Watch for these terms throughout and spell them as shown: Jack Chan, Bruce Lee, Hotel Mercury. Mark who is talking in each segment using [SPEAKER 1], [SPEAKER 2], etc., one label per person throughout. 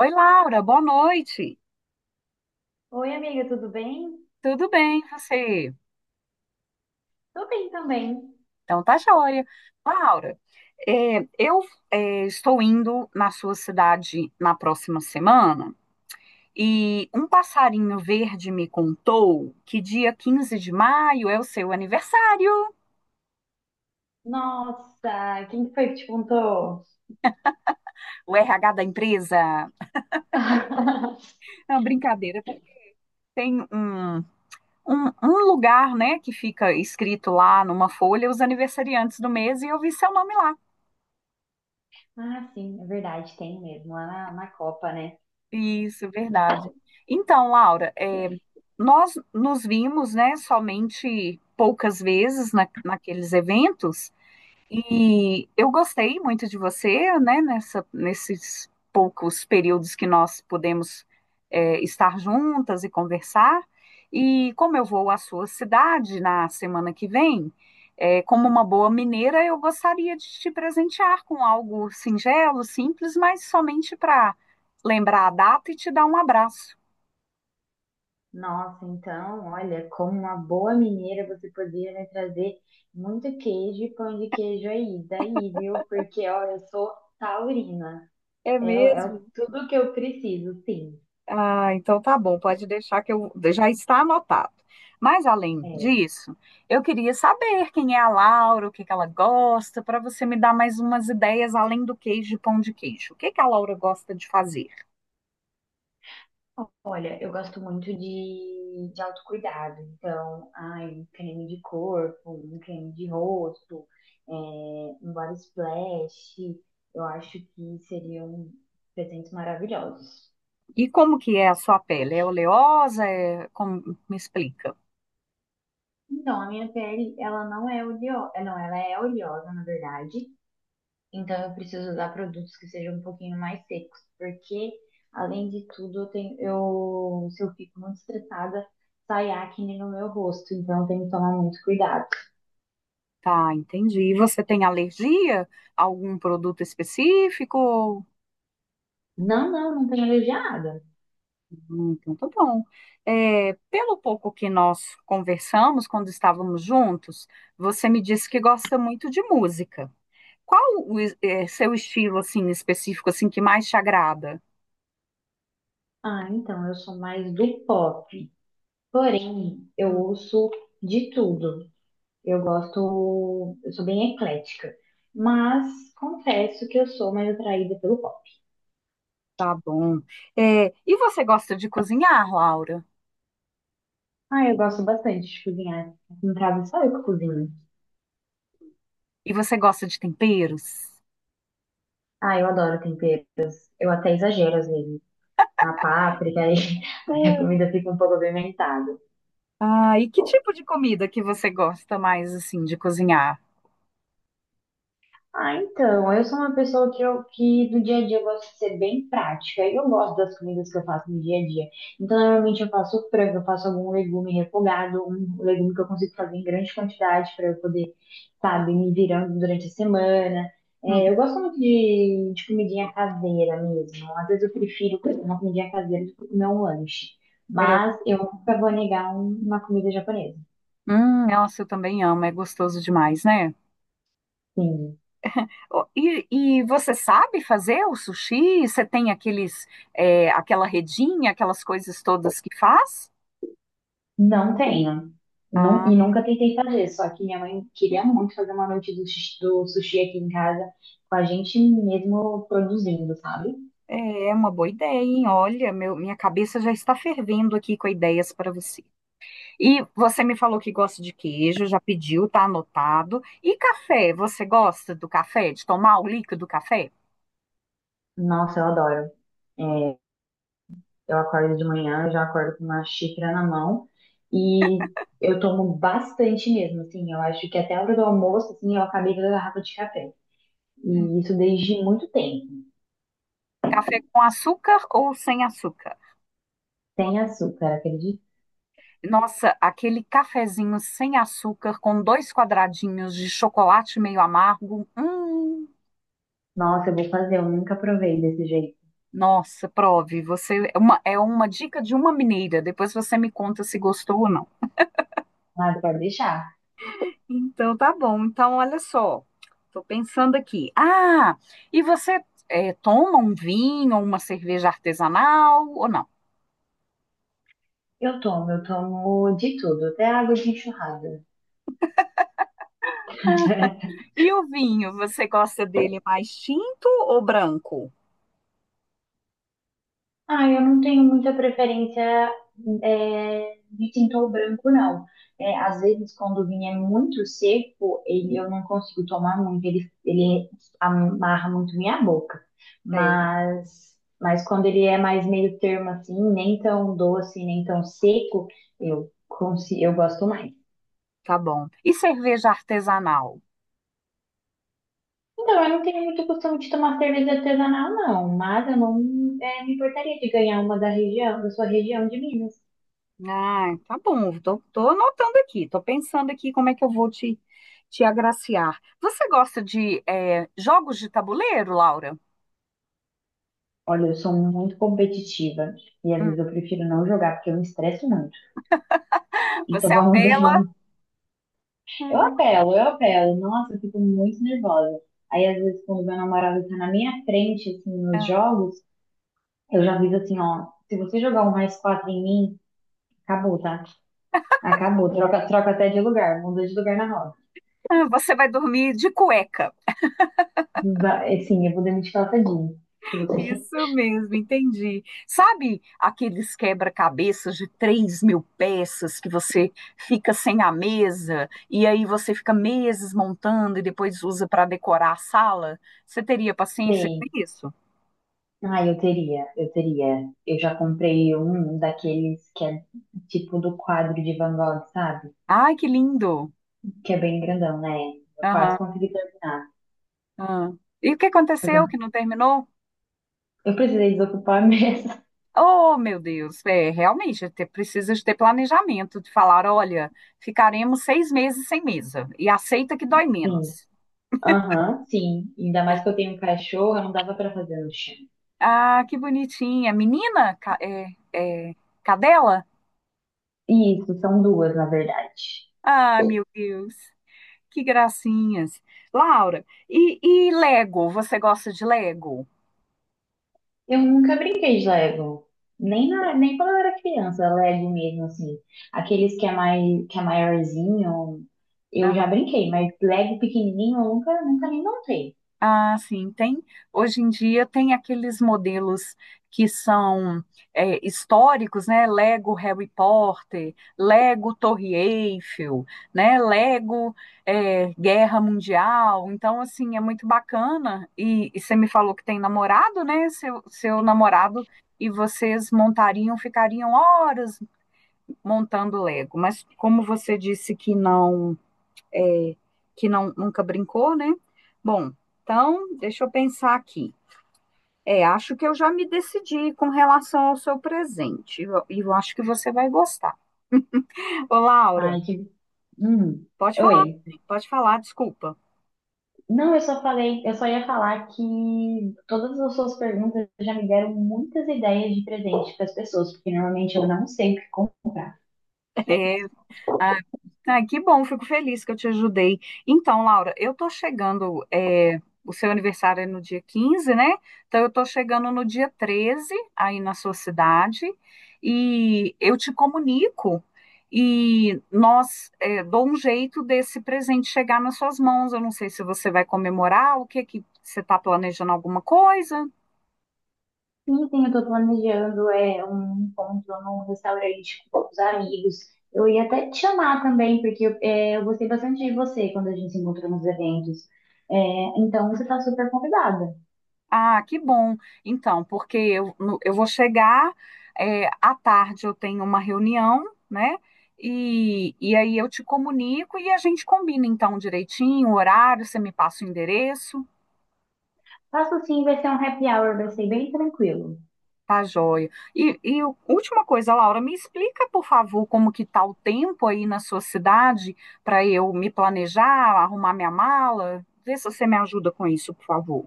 [SPEAKER 1] Oi, Laura, boa noite.
[SPEAKER 2] Oi, amiga, tudo bem?
[SPEAKER 1] Tudo bem, e você?
[SPEAKER 2] Tô bem também.
[SPEAKER 1] Então tá joia. Laura, é, eu estou indo na sua cidade na próxima semana e um passarinho verde me contou que dia 15 de maio é o seu aniversário,
[SPEAKER 2] Nossa, quem que foi que te contou?
[SPEAKER 1] o RH da empresa. Não, brincadeira, porque tem um lugar, né, que fica escrito lá numa folha os aniversariantes do mês e eu vi seu nome lá.
[SPEAKER 2] Ah, sim, é verdade, tem mesmo, lá na Copa, né?
[SPEAKER 1] Isso, verdade. Então, Laura, nós nos vimos, né, somente poucas vezes naqueles eventos, e eu gostei muito de você, né, nesses poucos períodos que nós podemos estar juntas e conversar. E como eu vou à sua cidade na semana que vem, como uma boa mineira, eu gostaria de te presentear com algo singelo, simples, mas somente para lembrar a data e te dar um abraço.
[SPEAKER 2] Nossa, então, olha, como uma boa mineira, você poderia me trazer muito queijo e pão de queijo aí, daí, viu? Porque, ó, eu sou taurina,
[SPEAKER 1] É mesmo?
[SPEAKER 2] tudo que eu preciso, sim.
[SPEAKER 1] Ah, então tá bom, pode deixar que eu já está anotado. Mas além
[SPEAKER 2] É.
[SPEAKER 1] disso, eu queria saber quem é a Laura, o que que ela gosta, para você me dar mais umas ideias além do queijo e pão de queijo. O que que a Laura gosta de fazer?
[SPEAKER 2] Olha, eu gosto muito de autocuidado, então, ai, um creme de corpo, um creme de rosto, um body splash, eu acho que seriam presentes maravilhosos.
[SPEAKER 1] E como que é a sua pele? É oleosa? É... Como... Me explica.
[SPEAKER 2] Então, a minha pele, ela não é oleosa, é, não, ela é oleosa, na verdade, então eu preciso usar produtos que sejam um pouquinho mais secos, porque, além de tudo, se eu fico muito estressada, sai acne no meu rosto, então eu tenho que tomar muito cuidado.
[SPEAKER 1] Tá, entendi. E você tem alergia a algum produto específico?
[SPEAKER 2] Não, não, não tenho a ver de nada.
[SPEAKER 1] Então, tá bom. É, pelo pouco que nós conversamos quando estávamos juntos, você me disse que gosta muito de música. Qual seu estilo assim específico assim que mais te agrada?
[SPEAKER 2] Ah, então, eu sou mais do pop. Porém, eu ouço de tudo. Eu gosto, eu sou bem eclética. Mas confesso que eu sou mais atraída pelo pop.
[SPEAKER 1] Tá bom. É, e você gosta de cozinhar, Laura?
[SPEAKER 2] Ah, eu gosto bastante de cozinhar. Em casa só eu que cozinho.
[SPEAKER 1] E você gosta de temperos?
[SPEAKER 2] Ah, eu adoro temperos. Eu até exagero às vezes. Na páprica, aí, aí a comida fica um pouco apimentada.
[SPEAKER 1] Ah, e que tipo de comida que você gosta mais assim de cozinhar?
[SPEAKER 2] Ah, então, eu sou uma pessoa que, eu, que no dia a dia eu gosto de ser bem prática. Eu gosto das comidas que eu faço no dia a dia. Então, normalmente eu faço frango, eu faço algum legume refogado, um legume que eu consigo fazer em grande quantidade para eu poder, sabe, me virando durante a semana. É, eu
[SPEAKER 1] Uhum.
[SPEAKER 2] gosto muito de comidinha caseira mesmo. Às vezes eu prefiro comer uma comidinha caseira do que comer um lanche.
[SPEAKER 1] É,
[SPEAKER 2] Mas eu nunca vou negar uma comida japonesa.
[SPEAKER 1] nossa, eu também amo, é gostoso demais, né?
[SPEAKER 2] Sim.
[SPEAKER 1] Ó, e você sabe fazer o sushi? Você tem aqueles, aquela redinha, aquelas coisas todas que faz?
[SPEAKER 2] Não tenho. E
[SPEAKER 1] Ah,
[SPEAKER 2] nunca tentei fazer, só que minha mãe queria muito fazer uma noite do, do sushi aqui em casa, com a gente mesmo produzindo, sabe?
[SPEAKER 1] é uma boa ideia, hein? Olha, minha cabeça já está fervendo aqui com ideias para você. E você me falou que gosta de queijo, já pediu, tá anotado. E café, você gosta do café? De tomar o líquido do café?
[SPEAKER 2] Nossa, eu adoro. É, eu acordo de manhã, eu já acordo com uma xícara na mão e eu tomo bastante mesmo, assim, eu acho que até a hora do almoço, assim, eu acabei da garrafa de café.
[SPEAKER 1] Hum.
[SPEAKER 2] E isso desde muito tempo.
[SPEAKER 1] Café com açúcar ou sem açúcar?
[SPEAKER 2] Sem açúcar, acredito.
[SPEAKER 1] Nossa, aquele cafezinho sem açúcar com dois quadradinhos de chocolate meio amargo.
[SPEAKER 2] Nossa, eu vou fazer, eu nunca provei desse jeito.
[SPEAKER 1] Nossa, prove. Você é uma dica de uma mineira. Depois você me conta se gostou ou não.
[SPEAKER 2] Nada, pode deixar.
[SPEAKER 1] Então tá bom. Então olha só, tô pensando aqui. Ah, e você toma um vinho ou uma cerveja artesanal ou não?
[SPEAKER 2] Eu tomo de tudo, até água de enxurrada.
[SPEAKER 1] E o vinho, você gosta dele mais tinto ou branco?
[SPEAKER 2] Ah, eu não tenho muita preferência de tintor branco, não. É, às vezes, quando o vinho é muito seco, ele, eu não consigo tomar muito, ele amarra muito minha boca.
[SPEAKER 1] É,
[SPEAKER 2] Mas quando ele é mais meio termo assim, nem tão doce, nem tão seco, eu gosto mais.
[SPEAKER 1] tá bom. E cerveja artesanal?
[SPEAKER 2] Então, eu não tenho muito costume de tomar cerveja artesanal, não, mas eu não eh, me importaria de ganhar uma da região, da sua região de Minas.
[SPEAKER 1] Ah, tá bom. Tô anotando aqui. Tô pensando aqui como é que eu vou te agraciar. Você gosta de jogos de tabuleiro, Laura?
[SPEAKER 2] Olha, eu sou muito competitiva e às
[SPEAKER 1] Hum.
[SPEAKER 2] vezes eu prefiro não jogar porque eu me estresso muito. Então
[SPEAKER 1] Você
[SPEAKER 2] vamos, ver,
[SPEAKER 1] apela.
[SPEAKER 2] vamos. Eu
[SPEAKER 1] Hum,
[SPEAKER 2] apelo, eu apelo. Nossa, eu fico muito nervosa. Aí às vezes quando meu namorado tá na minha frente, assim, nos
[SPEAKER 1] ah,
[SPEAKER 2] jogos, eu já aviso assim, ó, se você jogar um mais quatro em mim, acabou, tá? Acabou. Troca até de lugar, muda de lugar na roda.
[SPEAKER 1] Você vai dormir de cueca.
[SPEAKER 2] Assim, eu vou demitir ela tadinha. Se você...
[SPEAKER 1] Isso mesmo, entendi. Sabe aqueles quebra-cabeças de 3 mil peças que você fica sem a mesa e aí você fica meses montando e depois usa para decorar a sala? Você teria paciência
[SPEAKER 2] Sei.
[SPEAKER 1] com isso?
[SPEAKER 2] Ah, eu teria. Eu já comprei um daqueles que é tipo do quadro de Van Gogh, sabe?
[SPEAKER 1] Ai, que lindo!
[SPEAKER 2] Que é bem grandão, né? Eu quase
[SPEAKER 1] Aham.
[SPEAKER 2] consegui terminar.
[SPEAKER 1] Aham. E o que
[SPEAKER 2] Mas
[SPEAKER 1] aconteceu que
[SPEAKER 2] Eu
[SPEAKER 1] não terminou?
[SPEAKER 2] eu precisei desocupar a mesa.
[SPEAKER 1] Oh, meu Deus, é, realmente precisa de ter planejamento, de falar, olha, ficaremos 6 meses sem mesa e aceita que dói
[SPEAKER 2] Sim.
[SPEAKER 1] menos.
[SPEAKER 2] Aham, sim. Ainda mais que eu tenho um cachorro, não dava pra fazer no chão.
[SPEAKER 1] Ah, que bonitinha. Menina? É, cadela?
[SPEAKER 2] Isso, são duas, na verdade.
[SPEAKER 1] Ah, meu Deus, que gracinhas. Laura, e Lego? Você gosta de Lego?
[SPEAKER 2] Eu nunca brinquei de Lego. Nem quando eu era criança, Lego mesmo, assim. Aqueles que é, mai, Que é maiorzinho, eu já brinquei, mas Lego pequenininho eu nunca, nunca nem montei.
[SPEAKER 1] Ah, sim, tem. Hoje em dia tem aqueles modelos que são históricos, né? Lego Harry Potter, Lego Torre Eiffel, né? Lego Guerra Mundial. Então, assim, é muito bacana. E você me falou que tem namorado, né? Seu namorado e vocês montariam, ficariam horas montando Lego. Mas como você disse que é, não, nunca brincou, né? Bom, então, deixa eu pensar aqui. É, acho que eu já me decidi com relação ao seu presente. E eu acho que você vai gostar. Ô, Laura,
[SPEAKER 2] Ai, que. Hum.
[SPEAKER 1] pode falar,
[SPEAKER 2] Oi.
[SPEAKER 1] pode falar, desculpa.
[SPEAKER 2] Não, eu só falei, eu só ia falar que todas as suas perguntas já me deram muitas ideias de presente para as pessoas, porque normalmente eu não sei o que comprar.
[SPEAKER 1] Ah, ah, que bom, fico feliz que eu te ajudei. Então, Laura, eu tô chegando, é, o seu aniversário é no dia 15, né? Então, eu tô chegando no dia 13 aí na sua cidade, e eu te comunico, e nós, é, dou um jeito desse presente chegar nas suas mãos. Eu não sei se você vai comemorar, o que que você está planejando alguma coisa?
[SPEAKER 2] Sim, sim, eu tô planejando um encontro num restaurante com poucos amigos. Eu ia até te chamar também, porque eu gostei bastante de você quando a gente se encontrou nos eventos. É, então, você tá super convidada.
[SPEAKER 1] Ah, que bom. Então, porque eu, no- eu vou chegar, é, à tarde eu tenho uma reunião, né? E aí eu te comunico e a gente combina então direitinho o horário, você me passa o endereço,
[SPEAKER 2] Faço sim, vai ser um happy hour, vai ser bem tranquilo.
[SPEAKER 1] tá joia. Última coisa, Laura, me explica, por favor, como que tá o tempo aí na sua cidade para eu me planejar, arrumar minha mala? Vê se você me ajuda com isso, por favor.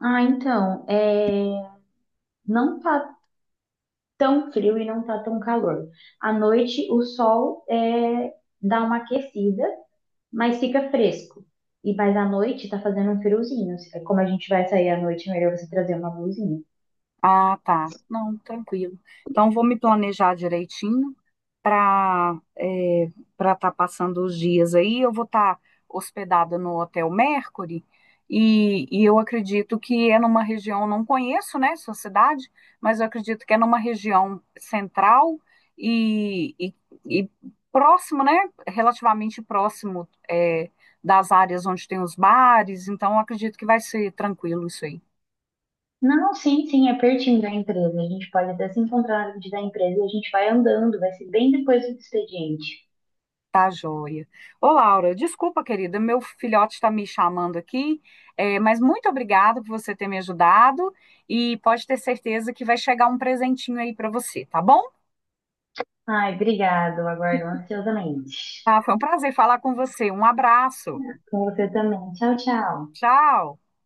[SPEAKER 2] Ah, então, é, não tá tão frio e não tá tão calor. À noite, o sol dá uma aquecida, mas fica fresco. E mas à noite tá fazendo um friozinho. É, como a gente vai sair à noite, é melhor você trazer uma blusinha.
[SPEAKER 1] Ah, tá. Não, tranquilo. Então, vou me planejar direitinho para para estar passando os dias aí. Eu vou estar hospedada no Hotel Mercury e eu acredito que é numa região, não conheço, né, sua cidade, mas eu acredito que é numa região central e, e, e próximo, né, relativamente próximo das áreas onde tem os bares. Então, eu acredito que vai ser tranquilo isso aí.
[SPEAKER 2] Não, sim, sim, é pertinho da empresa. A gente pode até se encontrar na frente da empresa e a gente vai andando, vai ser bem depois do expediente.
[SPEAKER 1] Tá joia. Ô, Laura, desculpa, querida, meu filhote está me chamando aqui, mas muito obrigada por você ter me ajudado e pode ter certeza que vai chegar um presentinho aí para você, tá bom?
[SPEAKER 2] Ai, obrigado, aguardo ansiosamente.
[SPEAKER 1] Tá, foi um prazer falar com você. Um abraço.
[SPEAKER 2] Com você também. Tchau, tchau.
[SPEAKER 1] Tchau.